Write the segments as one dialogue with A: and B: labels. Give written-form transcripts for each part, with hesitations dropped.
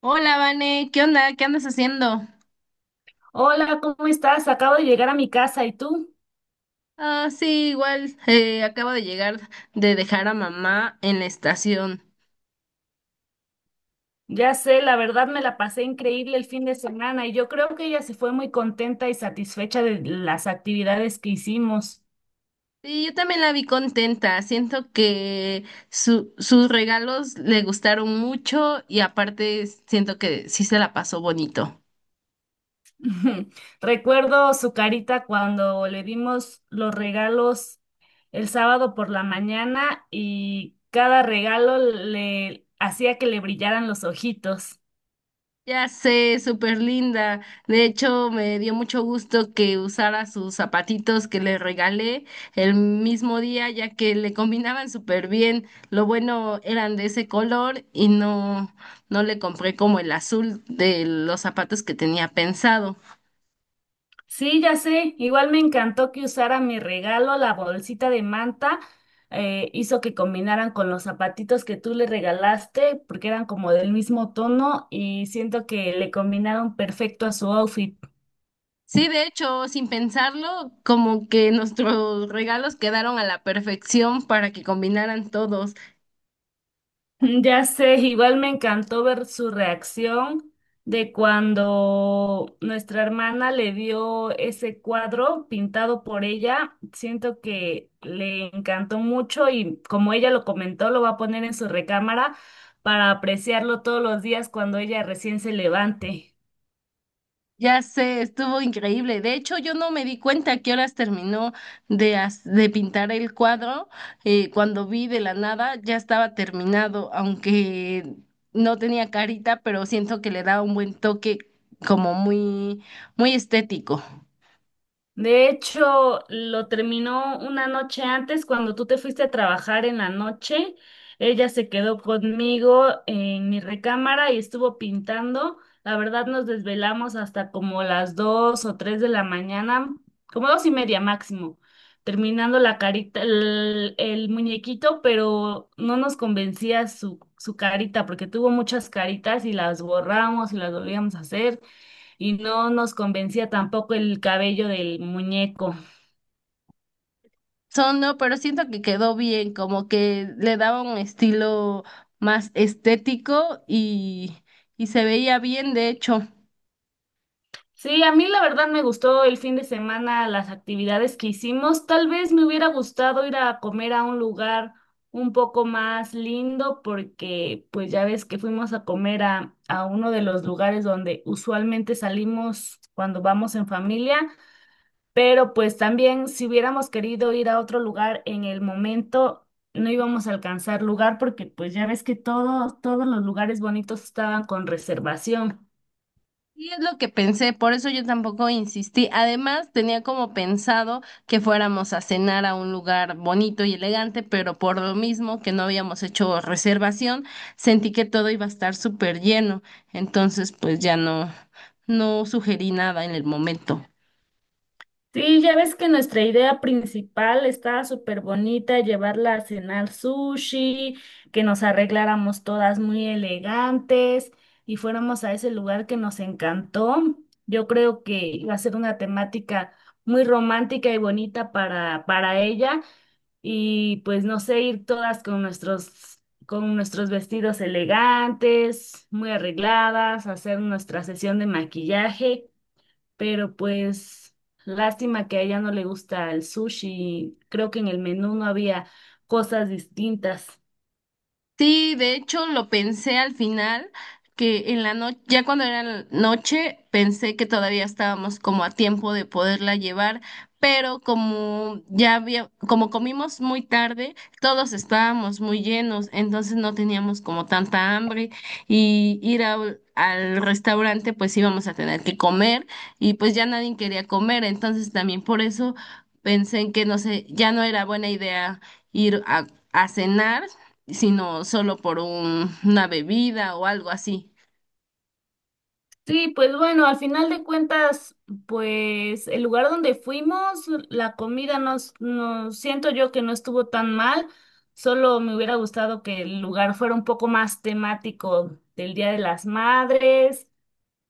A: Hola, Vane, ¿qué onda? ¿Qué andas haciendo?
B: Hola, ¿cómo estás? Acabo de llegar a mi casa y tú,
A: Ah, sí, igual, acabo de llegar de dejar a mamá en la estación.
B: ya sé, la verdad me la pasé increíble el fin de semana y yo creo que ella se fue muy contenta y satisfecha de las actividades que hicimos.
A: Sí, yo también la vi contenta. Siento que sus regalos le gustaron mucho y aparte siento que sí se la pasó bonito.
B: Recuerdo su carita cuando le dimos los regalos el sábado por la mañana y cada regalo le hacía que le brillaran los ojitos.
A: Ya sé, súper linda. De hecho, me dio mucho gusto que usara sus zapatitos que le regalé el mismo día, ya que le combinaban súper bien. Lo bueno eran de ese color y no, no le compré como el azul de los zapatos que tenía pensado.
B: Sí, ya sé. Igual me encantó que usara mi regalo, la bolsita de manta. Hizo que combinaran con los zapatitos que tú le regalaste, porque eran como del mismo tono y siento que le combinaron perfecto a su outfit.
A: Sí, de hecho, sin pensarlo, como que nuestros regalos quedaron a la perfección para que combinaran todos.
B: Ya sé, igual me encantó ver su reacción de cuando nuestra hermana le dio ese cuadro pintado por ella. Siento que le encantó mucho y, como ella lo comentó, lo va a poner en su recámara para apreciarlo todos los días cuando ella recién se levante.
A: Ya sé, estuvo increíble. De hecho, yo no me di cuenta a qué horas terminó de pintar el cuadro. Cuando vi de la nada, ya estaba terminado, aunque no tenía carita, pero siento que le da un buen toque como muy, muy estético.
B: De hecho, lo terminó una noche antes, cuando tú te fuiste a trabajar en la noche. Ella se quedó conmigo en mi recámara y estuvo pintando. La verdad, nos desvelamos hasta como las dos o tres de la mañana, como dos y media máximo, terminando la carita, el muñequito, pero no nos convencía su carita, porque tuvo muchas caritas y las borramos y las volvíamos a hacer y no nos convencía tampoco el cabello del muñeco.
A: Son, no, pero siento que quedó bien, como que le daba un estilo más estético y se veía bien, de hecho.
B: Sí, a mí la verdad me gustó el fin de semana las actividades que hicimos. Tal vez me hubiera gustado ir a comer a un lugar un poco más lindo, porque pues ya ves que fuimos a comer a uno de los lugares donde usualmente salimos cuando vamos en familia. Pero pues también, si hubiéramos querido ir a otro lugar en el momento, no íbamos a alcanzar lugar porque pues ya ves que todo, todos los lugares bonitos estaban con reservación.
A: Sí, es lo que pensé, por eso yo tampoco insistí. Además, tenía como pensado que fuéramos a cenar a un lugar bonito y elegante, pero por lo mismo que no habíamos hecho reservación, sentí que todo iba a estar súper lleno. Entonces, pues ya no, no sugerí nada en el momento.
B: Sí, ya ves que nuestra idea principal estaba súper bonita, llevarla a cenar sushi, que nos arregláramos todas muy elegantes y fuéramos a ese lugar que nos encantó. Yo creo que iba a ser una temática muy romántica y bonita para ella. Y pues no sé, ir todas con nuestros vestidos elegantes, muy arregladas, hacer nuestra sesión de maquillaje, pero pues lástima que a ella no le gusta el sushi, creo que en el menú no había cosas distintas.
A: Sí, de hecho lo pensé al final, que en la noche, ya cuando era la noche, pensé que todavía estábamos como a tiempo de poderla llevar, pero como ya había, como comimos muy tarde, todos estábamos muy llenos, entonces no teníamos como tanta hambre y al restaurante pues íbamos a tener que comer y pues ya nadie quería comer, entonces también por eso pensé en que no sé, ya no era buena idea ir a cenar sino solo por una bebida o algo así.
B: Sí, pues bueno, al final de cuentas, pues el lugar donde fuimos, la comida nos, nos siento yo que no estuvo tan mal, solo me hubiera gustado que el lugar fuera un poco más temático del Día de las Madres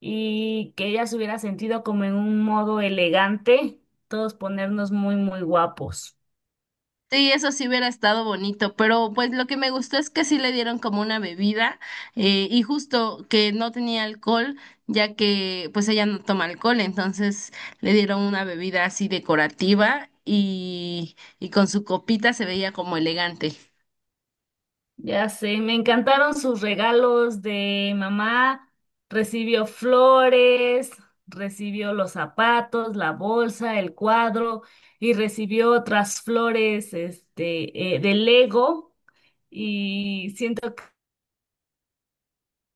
B: y que ella se hubiera sentido como en un modo elegante, todos ponernos muy, muy guapos.
A: Sí, eso sí hubiera estado bonito, pero pues lo que me gustó es que sí le dieron como una bebida y justo que no tenía alcohol, ya que pues ella no toma alcohol, entonces le dieron una bebida así decorativa y con su copita se veía como elegante.
B: Ya sé, me encantaron sus regalos de mamá. Recibió flores, recibió los zapatos, la bolsa, el cuadro y recibió otras flores, este, de Lego, y siento que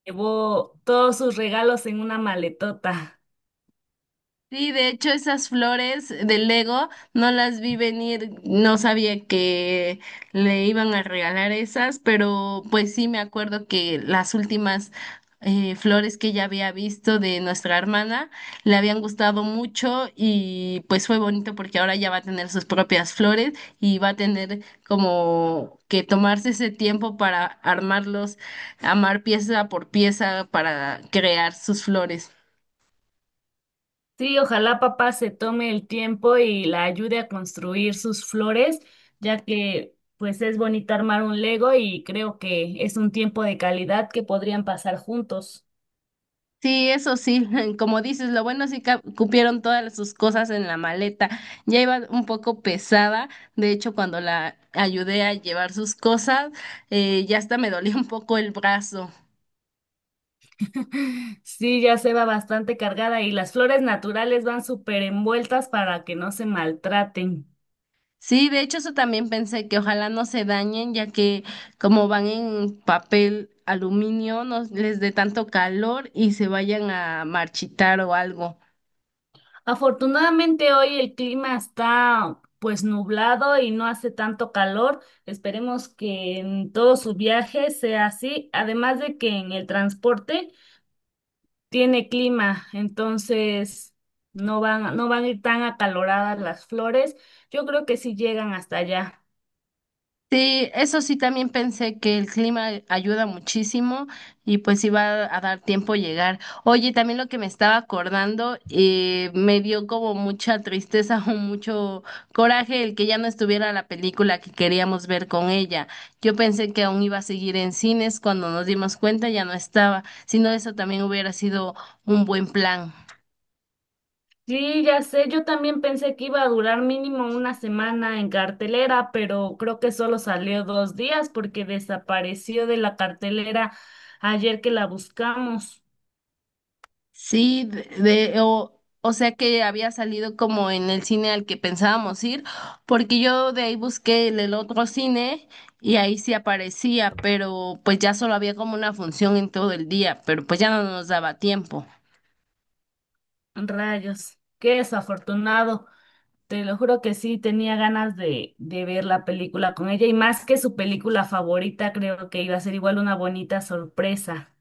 B: llevó todos sus regalos en una maletota.
A: Sí, de hecho esas flores de Lego no las vi venir, no sabía que le iban a regalar esas, pero pues sí me acuerdo que las últimas flores que ya había visto de nuestra hermana le habían gustado mucho y pues fue bonito porque ahora ya va a tener sus propias flores y va a tener como que tomarse ese tiempo para armarlos, armar pieza por pieza para crear sus flores.
B: Sí, ojalá papá se tome el tiempo y la ayude a construir sus flores, ya que pues es bonito armar un Lego y creo que es un tiempo de calidad que podrían pasar juntos.
A: Sí, eso sí, como dices, lo bueno sí que cupieron todas sus cosas en la maleta. Ya iba un poco pesada, de hecho cuando la ayudé a llevar sus cosas, ya hasta me dolía un poco el brazo.
B: Sí, ya se va bastante cargada y las flores naturales van súper envueltas para que no se maltraten.
A: Sí, de hecho eso también pensé que ojalá no se dañen, ya que como van en papel aluminio, no les dé tanto calor y se vayan a marchitar o algo.
B: Afortunadamente hoy el clima está pues nublado y no hace tanto calor. Esperemos que en todo su viaje sea así, además de que en el transporte tiene clima, entonces no van a ir tan acaloradas las flores. Yo creo que sí llegan hasta allá.
A: Sí, eso sí también pensé que el clima ayuda muchísimo y pues iba a dar tiempo llegar. Oye, también lo que me estaba acordando, me dio como mucha tristeza o mucho coraje el que ya no estuviera la película que queríamos ver con ella. Yo pensé que aún iba a seguir en cines, cuando nos dimos cuenta ya no estaba, si no eso también hubiera sido un buen plan.
B: Sí, ya sé, yo también pensé que iba a durar mínimo una semana en cartelera, pero creo que solo salió dos días porque desapareció de la cartelera ayer que la buscamos.
A: Sí, o sea que había salido como en el cine al que pensábamos ir, porque yo de ahí busqué el otro cine y ahí sí aparecía, pero pues ya solo había como una función en todo el día, pero pues ya no nos daba tiempo.
B: Rayos, qué desafortunado. Te lo juro que sí, tenía ganas de ver la película con ella y, más que su película favorita, creo que iba a ser igual una bonita sorpresa.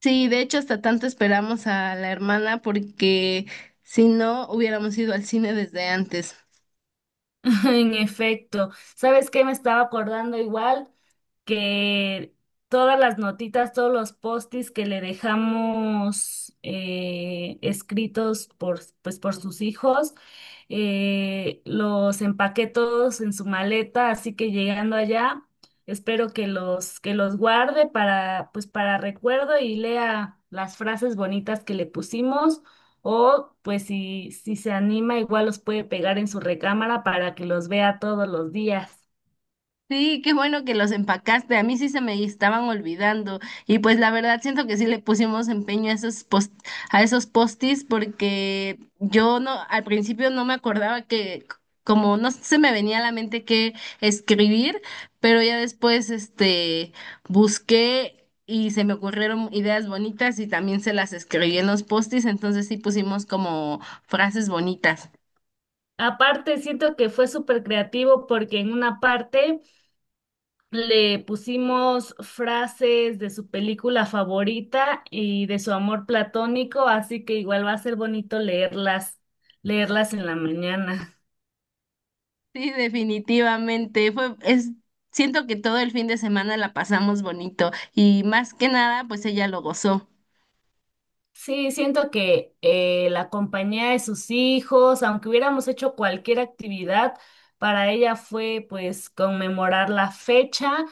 A: Sí, de hecho hasta tanto esperamos a la hermana porque si no hubiéramos ido al cine desde antes.
B: En efecto, ¿sabes qué? Me estaba acordando igual, que todas las notitas, todos los postis que le dejamos, escritos por, pues, por sus hijos, los empaqué todos en su maleta, así que llegando allá, espero que los guarde para, pues, para recuerdo y lea las frases bonitas que le pusimos. O pues si, si se anima, igual los puede pegar en su recámara para que los vea todos los días.
A: Sí, qué bueno que los empacaste. A mí sí se me estaban olvidando. Y pues la verdad siento que sí le pusimos empeño a esos post a esos postis porque yo no al principio no me acordaba que como no se me venía a la mente qué escribir, pero ya después busqué y se me ocurrieron ideas bonitas y también se las escribí en los postis, entonces sí pusimos como frases bonitas.
B: Aparte, siento que fue súper creativo porque en una parte le pusimos frases de su película favorita y de su amor platónico, así que igual va a ser bonito leerlas, leerlas en la mañana.
A: Sí, definitivamente. Fue, es, siento que todo el fin de semana la pasamos bonito y más que nada, pues ella lo gozó.
B: Sí, siento que la compañía de sus hijos, aunque hubiéramos hecho cualquier actividad, para ella fue pues conmemorar la fecha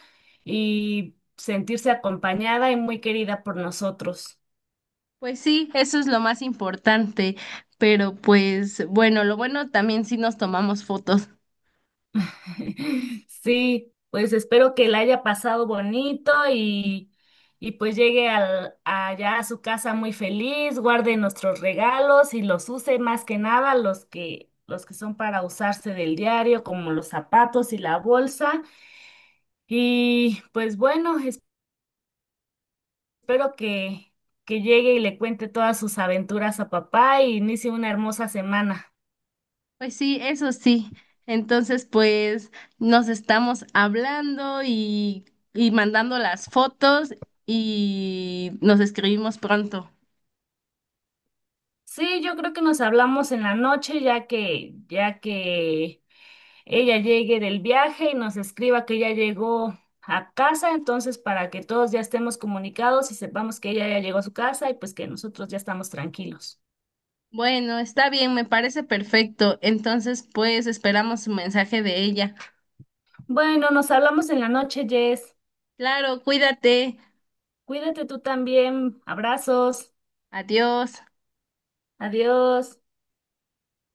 B: y sentirse acompañada y muy querida por nosotros.
A: Pues sí, eso es lo más importante. Pero pues bueno, lo bueno también sí nos tomamos fotos.
B: Sí, pues espero que la haya pasado bonito y pues llegue al, allá a su casa muy feliz, guarde nuestros regalos y los use más que nada los que, los que son para usarse del diario, como los zapatos y la bolsa. Y pues bueno, espero que llegue y le cuente todas sus aventuras a papá y inicie una hermosa semana.
A: Pues sí, eso sí. Entonces, pues nos estamos hablando y mandando las fotos y nos escribimos pronto.
B: Sí, yo creo que nos hablamos en la noche, ya que ella llegue del viaje y nos escriba que ya llegó a casa, entonces para que todos ya estemos comunicados y sepamos que ella ya llegó a su casa y pues que nosotros ya estamos tranquilos.
A: Bueno, está bien, me parece perfecto. Entonces, pues esperamos un mensaje de ella.
B: Bueno, nos hablamos en la noche, Jess.
A: Claro, cuídate.
B: Cuídate tú también. Abrazos.
A: Adiós.
B: Adiós.